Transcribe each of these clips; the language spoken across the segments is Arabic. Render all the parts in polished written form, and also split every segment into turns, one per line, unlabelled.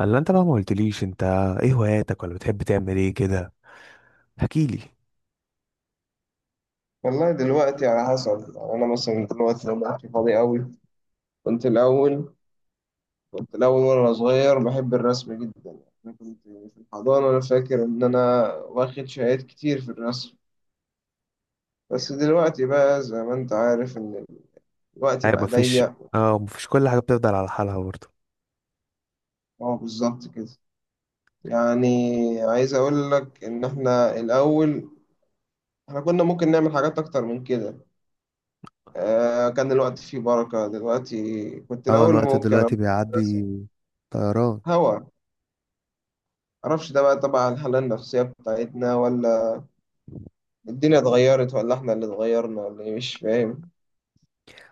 الا انت بقى ما قلتليش انت ايه هواياتك ولا بتحب تعمل ايه كده؟ احكيلي.
والله دلوقتي على حسب. يعني أنا مثلا دلوقتي لو وقتي فاضي أوي. كنت الأول كنت الأول وأنا صغير بحب الرسم جدا. يعني أنا كنت في الحضانة، أنا فاكر إن أنا واخد شهادات كتير في الرسم. بس دلوقتي بقى زي ما أنت عارف إن الوقت
ايوه،
بقى
مفيش.
ضيق.
اه، مفيش، كل حاجه بتفضل على حالها برضه.
أه بالظبط كده. يعني عايز أقول لك إن إحنا الأول، إحنا كنا ممكن نعمل حاجات أكتر من كده. كان الوقت فيه بركة. دلوقتي كنت
اه
الأول
الوقت
ممكن أروح
دلوقتي
أرسم.
بيعدي. طيران.
هوا معرفش ده بقى. طبعا هل النفسية بتاعتنا، ولا الدنيا اتغيرت، ولا احنا اللي اتغيرنا، ولا ايه؟ مش فاهم.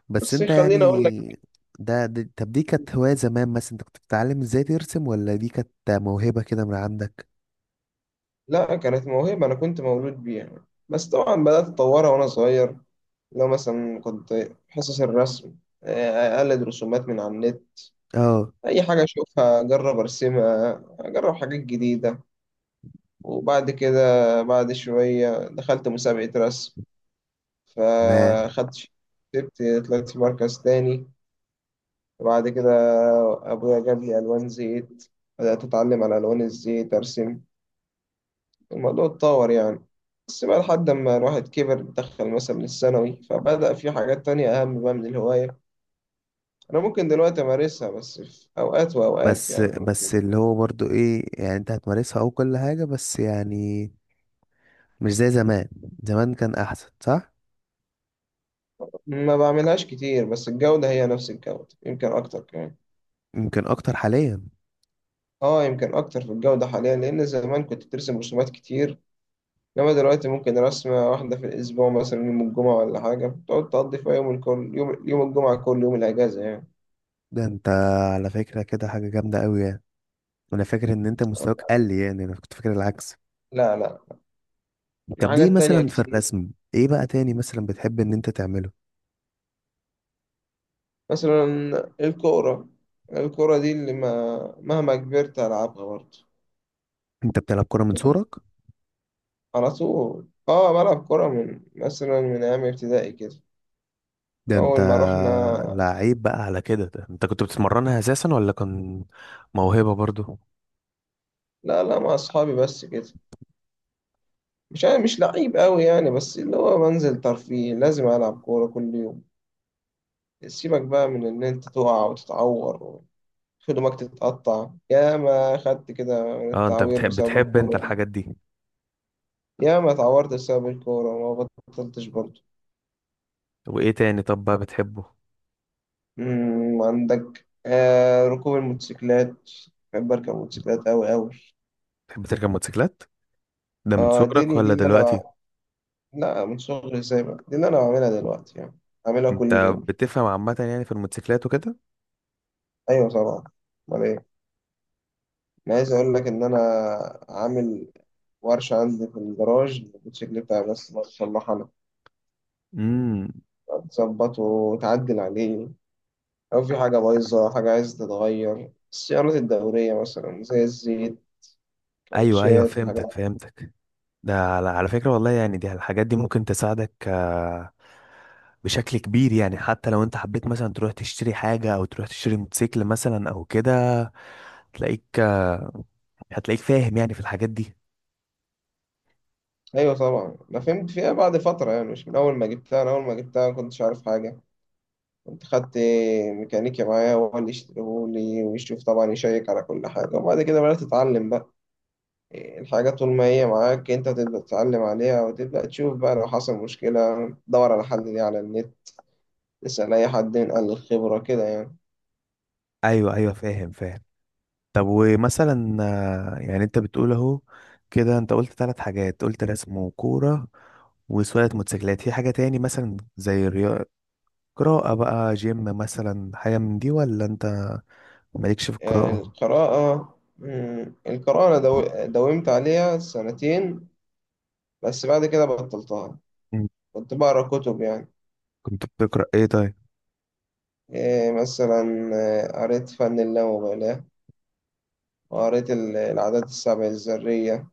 بس
بس
انت
خليني اقول لك.
يعني ده طب دي كانت هواية زمان؟ مثلا انت كنت بتتعلم ازاي ترسم ولا دي كانت موهبة كده من عندك؟
لا، كانت موهبة، انا كنت مولود بيها، بس طبعا بدأت اتطورها وانا صغير. لو مثلا كنت في حصص الرسم اقلد رسومات من على النت.
اه،
اي حاجة اشوفها اجرب ارسمها، اجرب حاجات جديدة. وبعد كده بعد شوية دخلت مسابقة رسم
تمام.
فاخدت، كسبت، طلعت في مركز تاني. بعد كده أبويا جاب لي ألوان زيت، بدأت أتعلم على ألوان الزيت أرسم. الموضوع اتطور يعني. بس بقى لحد ما الواحد كبر، دخل مثلا الثانوي، فبدأ في حاجات تانية أهم بقى من الهواية. أنا ممكن دلوقتي أمارسها بس في أوقات وأوقات
بس
يعني.
بس
ممكن
اللي هو برضو ايه؟ يعني انت هتمارسها او كل حاجة، بس يعني مش زي زمان. زمان كان احسن، صح؟
ما بعملهاش كتير بس الجودة هي نفس الجودة، يمكن أكتر كمان.
يمكن اكتر حاليا.
آه، يمكن أكتر في الجودة حاليا لأن زمان كنت بترسم رسومات كتير. إنما دلوقتي ممكن رسمة واحدة في الأسبوع، مثلا يوم الجمعة ولا حاجة تقعد تقضي فيها يوم. الكل يوم الجمعة، كل يوم الأجازة يعني.
ده انت على فكرة كده حاجة جامدة قوي يعني. انا فاكر ان انت مستواك قل، يعني انا كنت فاكر العكس.
لا لا، في
طب دي
حاجات تانية
مثلا في
كتير.
الرسم، ايه بقى تاني مثلا بتحب ان انت تعمله؟
مثلا الكورة. الكورة دي اللي ما مهما كبرت ألعبها برضه.
انت بتلعب كرة من
يعني
صغرك؟
على طول. اه بلعب كورة من مثلا من أيام ابتدائي كده.
ده انت
أول ما رحنا.
لعيب بقى على كده. ده انت كنت بتتمرنها اساسا ولا كان موهبة برضو؟
لا لا، مع أصحابي بس كده. مش أنا مش لعيب أوي يعني، بس اللي هو بنزل ترفيه لازم ألعب كورة كل يوم. سيبك بقى من ان انت تقع وتتعور وخدمك تتقطع. يا ما خدت كده من
اه، انت
التعوير
بتحب
بسبب
بتحب انت
الكورة دي.
الحاجات دي؟
يا ما اتعورت بسبب الكورة وما بطلتش برضه.
وايه تاني طب بقى بتحبه؟
عندك ركوب الموتوسيكلات. بحب اركب موتوسيكلات اوي اوي.
بتحب تركب موتوسيكلات؟ ده من
اه دي
صغرك
دي دي
ولا
اللي
دلوقتي؟
انا لا، من صغري سايبها، دي اللي انا بعملها دلوقتي يعني. بعملها كل
انت
يوم.
بتفهم عامة يعني في الموتوسيكلات وكده؟
ايوه طبعا، امال ايه. انا عايز اقول لك ان انا عامل ورشة عندي في الجراج، الموتوسيكل بتاعي بس بصلحها انا.
امم
تظبطه وتعدل عليه. لو في حاجة بايظة، حاجة عايزة تتغير، السيارات الدورية مثلا زي الزيت،
ايوه ايوه،
كاوتشات،
فهمتك
حاجات.
فهمتك. ده على فكرة والله يعني، دي الحاجات دي ممكن تساعدك بشكل كبير. يعني حتى لو انت حبيت مثلا تروح تشتري حاجة او تروح تشتري موتوسيكل مثلا او كده، تلاقيك هتلاقيك فاهم يعني في الحاجات دي.
أيوة طبعا، أنا فهمت فيها بعد فترة يعني، مش من أول ما جبتها. أنا أول ما جبتها ما كنتش عارف حاجة. كنت خدت ميكانيكي معايا، هو اللي يشتريهولي ويشوف، طبعا يشيك على كل حاجة، وبعد كده بدأت تتعلم بقى. الحاجة طول ما هي معاك أنت تبدأ تتعلم عليها، وتبدأ تشوف بقى لو حصل مشكلة دور على حل ليه على النت، تسأل أي حد من أهل الخبرة كده يعني.
ايوه ايوه، فاهم فاهم. طب ومثلا يعني انت بتقول اهو كده، انت قلت 3 حاجات، قلت رسم وكورة وسواقة موتوسيكلات. في حاجة تاني مثلا زي الرياضة، قراءة بقى، جيم مثلا؟ حاجة من دي ولا انت مالكش في القراءة؟
القراءة. القراءة أنا داومت عليها سنتين بس بعد كده بطلتها. كنت بقرا كتب يعني.
كنت بتقرأ ايه طيب؟
إيه؟ مثلا قريت فن اللامبالاة، وقريت العادات السبع الذرية،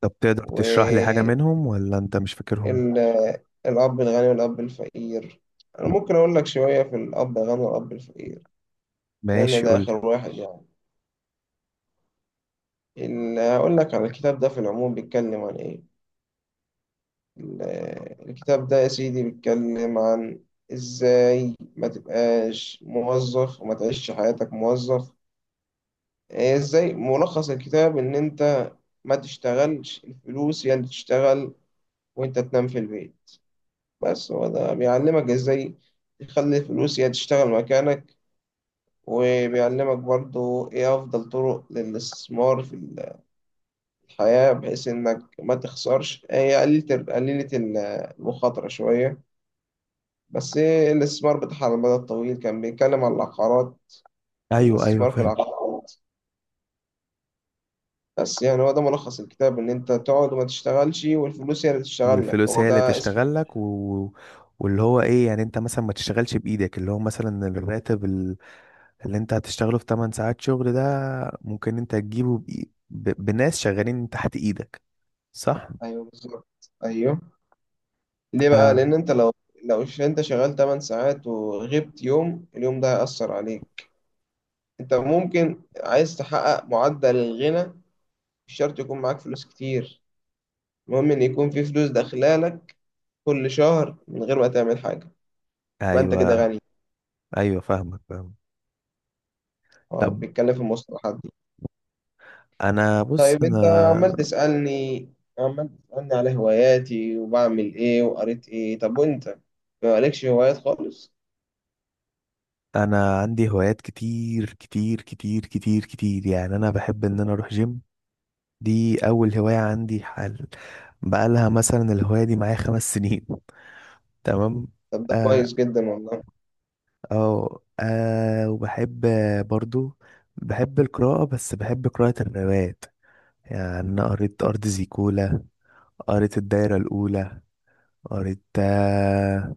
طب تقدر تشرح لي حاجة
والأب
منهم ولا انت مش فاكرهم؟
الغني والأب الفقير. أنا ممكن أقول لك شوية في الأب الغني والأب الفقير، لأن
ماشي،
ده
قولي.
آخر واحد يعني. هقول لك على الكتاب ده في العموم بيتكلم عن إيه. ال- الكتاب ده يا سيدي بيتكلم عن ازاي ما تبقاش موظف وما تعيش حياتك موظف. إيه؟ ازاي ملخص الكتاب ان انت ما تشتغلش، الفلوس هي اللي تشتغل وانت تنام في البيت. بس هو ده بيعلمك ازاي تخلي الفلوس هي تشتغل مكانك. وبيعلمك برضو ايه افضل طرق للاستثمار في الحياة بحيث انك ما تخسرش، هي قليلة قليلة المخاطرة شوية، بس إيه الاستثمار بتاعها على المدى الطويل. كان بيتكلم عن العقارات، عن
ايوه ايوه
الاستثمار في
فاهم.
العقارات. بس يعني هو ده ملخص الكتاب، إن أنت تقعد وما تشتغلش والفلوس هي اللي تشتغل لك.
والفلوس
هو
هي اللي
ده اسم.
تشتغل لك و... واللي هو ايه يعني، انت مثلا ما تشتغلش بايدك، اللي هو مثلا الراتب اللي انت هتشتغله في 8 ساعات شغل ده ممكن انت تجيبه بناس شغالين تحت ايدك، صح؟
أيوه بالظبط أيوه. ليه بقى؟
آه.
لأن أنت لو أنت شغال 8 ساعات وغبت يوم، اليوم ده هيأثر عليك. أنت ممكن عايز تحقق معدل الغنى، مش شرط يكون معاك فلوس كتير، المهم إن يكون في فلوس داخلة لك كل شهر من غير ما تعمل حاجة، يبقى أنت كده
ايوه
غني.
ايوه فاهمك فاهمك.
هو
طب
بيتكلم في المصطلحات دي.
انا بص
طيب انت
انا،
عمال تسألني على هواياتي وبعمل ايه وقريت ايه. طب وانت ما عليكش هوايات خالص؟
انا عندي هوايات كتير كتير كتير كتير كتير، يعني انا بحب ان انا اروح جيم. دي اول هواية عندي حال، بقالها مثلا الهواية دي معايا 5 سنين. تمام.
طب ده
اه
كويس جدا والله.
اه وبحب برضو بحب القراءة، بس بحب قراءة الروايات. يعني أنا قريت أرض زيكولا، قريت الدايرة الأولى، قريت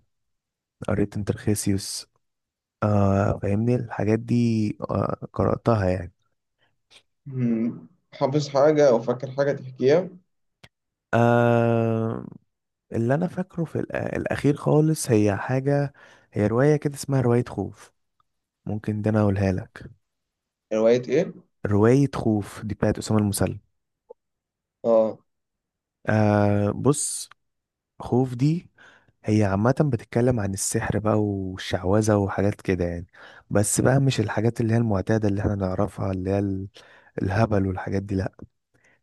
قريت انترخيسيوس. آه فاهمني الحاجات دي، آه قرأتها يعني.
مم. حافظ حاجة او فاكر حاجة تحكيها؟
آه، اللي أنا فاكره في الأخير خالص هي حاجة، هي رواية كده اسمها رواية خوف. ممكن ده انا اقولها لك.
هواية ايه؟
رواية خوف دي بتاعت أسامة المسلم.
اه
آه بص، خوف دي هي عامة بتتكلم عن السحر بقى والشعوذة وحاجات كده يعني. بس بقى مش الحاجات اللي هي المعتادة اللي احنا نعرفها، اللي هي الهبل والحاجات دي، لأ.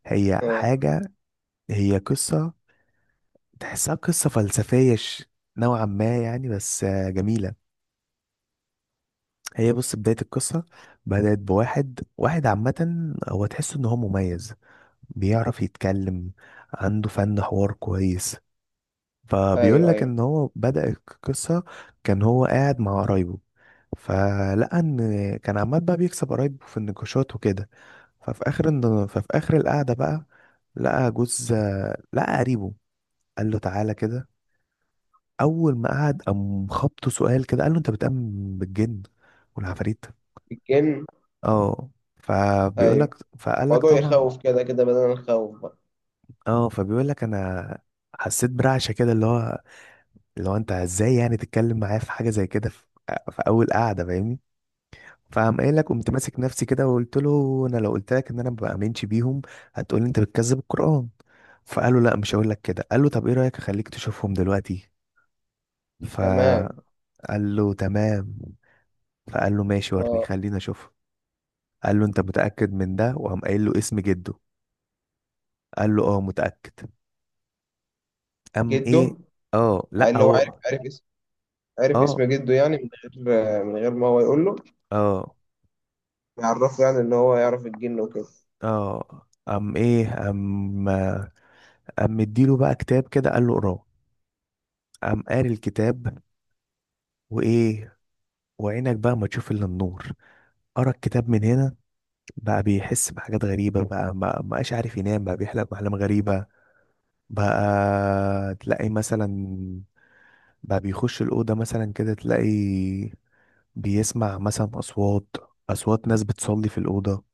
هي
اه،
حاجة، هي قصة، تحسها قصة فلسفية نوعا ما يعني، بس جميلة. هي بص، بداية القصة بدأت بواحد واحد عامة، هو تحس إن هو مميز، بيعرف يتكلم، عنده فن حوار كويس. فبيقول
ايوه
لك
ايوه.
ان هو بدأ القصة كان هو قاعد مع قرايبه، فلقى ان كان عمال بقى بيكسب قرايبه في النقاشات وكده. ففي اخر ففي اخر القعدة بقى لقى جوز، لقى قريبه، قال له تعالى كده. اول ما قعد قام خبطه سؤال كده، قال له انت بتؤمن بالجن والعفاريت؟
الجن.
اه، فبيقول لك
ايوه.
فقال لك
موضوع
طبعا.
يخوف كده كده بدل الخوف بقى.
اه فبيقول لك انا حسيت برعشه كده، اللي هو اللي هو انت ازاي يعني تتكلم معايا في حاجه زي كده، في اول قعده فاهمني. فقام قايل لك قمت
مم.
ماسك نفسي كده وقلت له، انا لو قلت لك ان انا ما بامنش بيهم هتقول لي انت بتكذب القران. فقال له لا مش هقول لك كده. قال له طب ايه رايك اخليك تشوفهم دلوقتي؟
تمام.
فقال له تمام. فقال له ماشي ورني،
اه،
خلينا اشوفهم. قال له انت متاكد من ده؟ وقام قايل له اسم جده. قال له اه متاكد. قام
جده.
ايه، اه لا
اللي هو عارف
هو،
عارف اسم، عارف
اه
اسم جده، يعني من غير ما هو يقول له
اه
يعرفه. يعني ان هو يعرف الجن وكده.
اه قام ايه، قام مديله بقى كتاب كده، قال له اقراه. قام قاري الكتاب، وايه؟ وعينك بقى ما تشوف الا النور. قرا الكتاب من هنا بقى بيحس بحاجات غريبه، بقى ما بقاش عارف ينام، بقى بيحلم احلام غريبه، بقى تلاقي مثلا، بقى بيخش الاوضه مثلا كده تلاقي بيسمع مثلا اصوات، اصوات ناس بتصلي في الاوضه،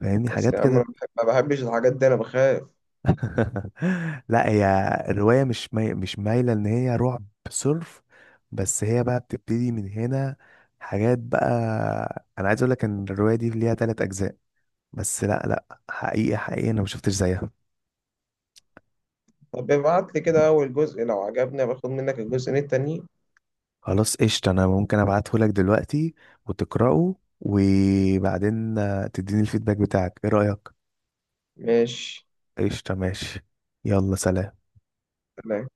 فاهمني
بس
حاجات
يا عم انا
كده.
ما بحبش الحاجات دي، انا بخاف.
لا، هي الرواية مش مش مايلة ان هي رعب صرف، بس هي بقى بتبتدي من هنا، حاجات بقى. انا عايز اقول لك ان الرواية دي ليها 3 اجزاء. بس لا لا، حقيقة حقيقة انا ما شفتش زيها.
طب ابعت لي كده اول جزء لو عجبني باخد منك الجزئين التانيين.
خلاص قشطة، انا ممكن ابعته لك دلوقتي وتقرأه، وبعدين تديني الفيدباك بتاعك، ايه رأيك؟
ماشي.
قشطة، ماشي. يلا، سلام.
سلام.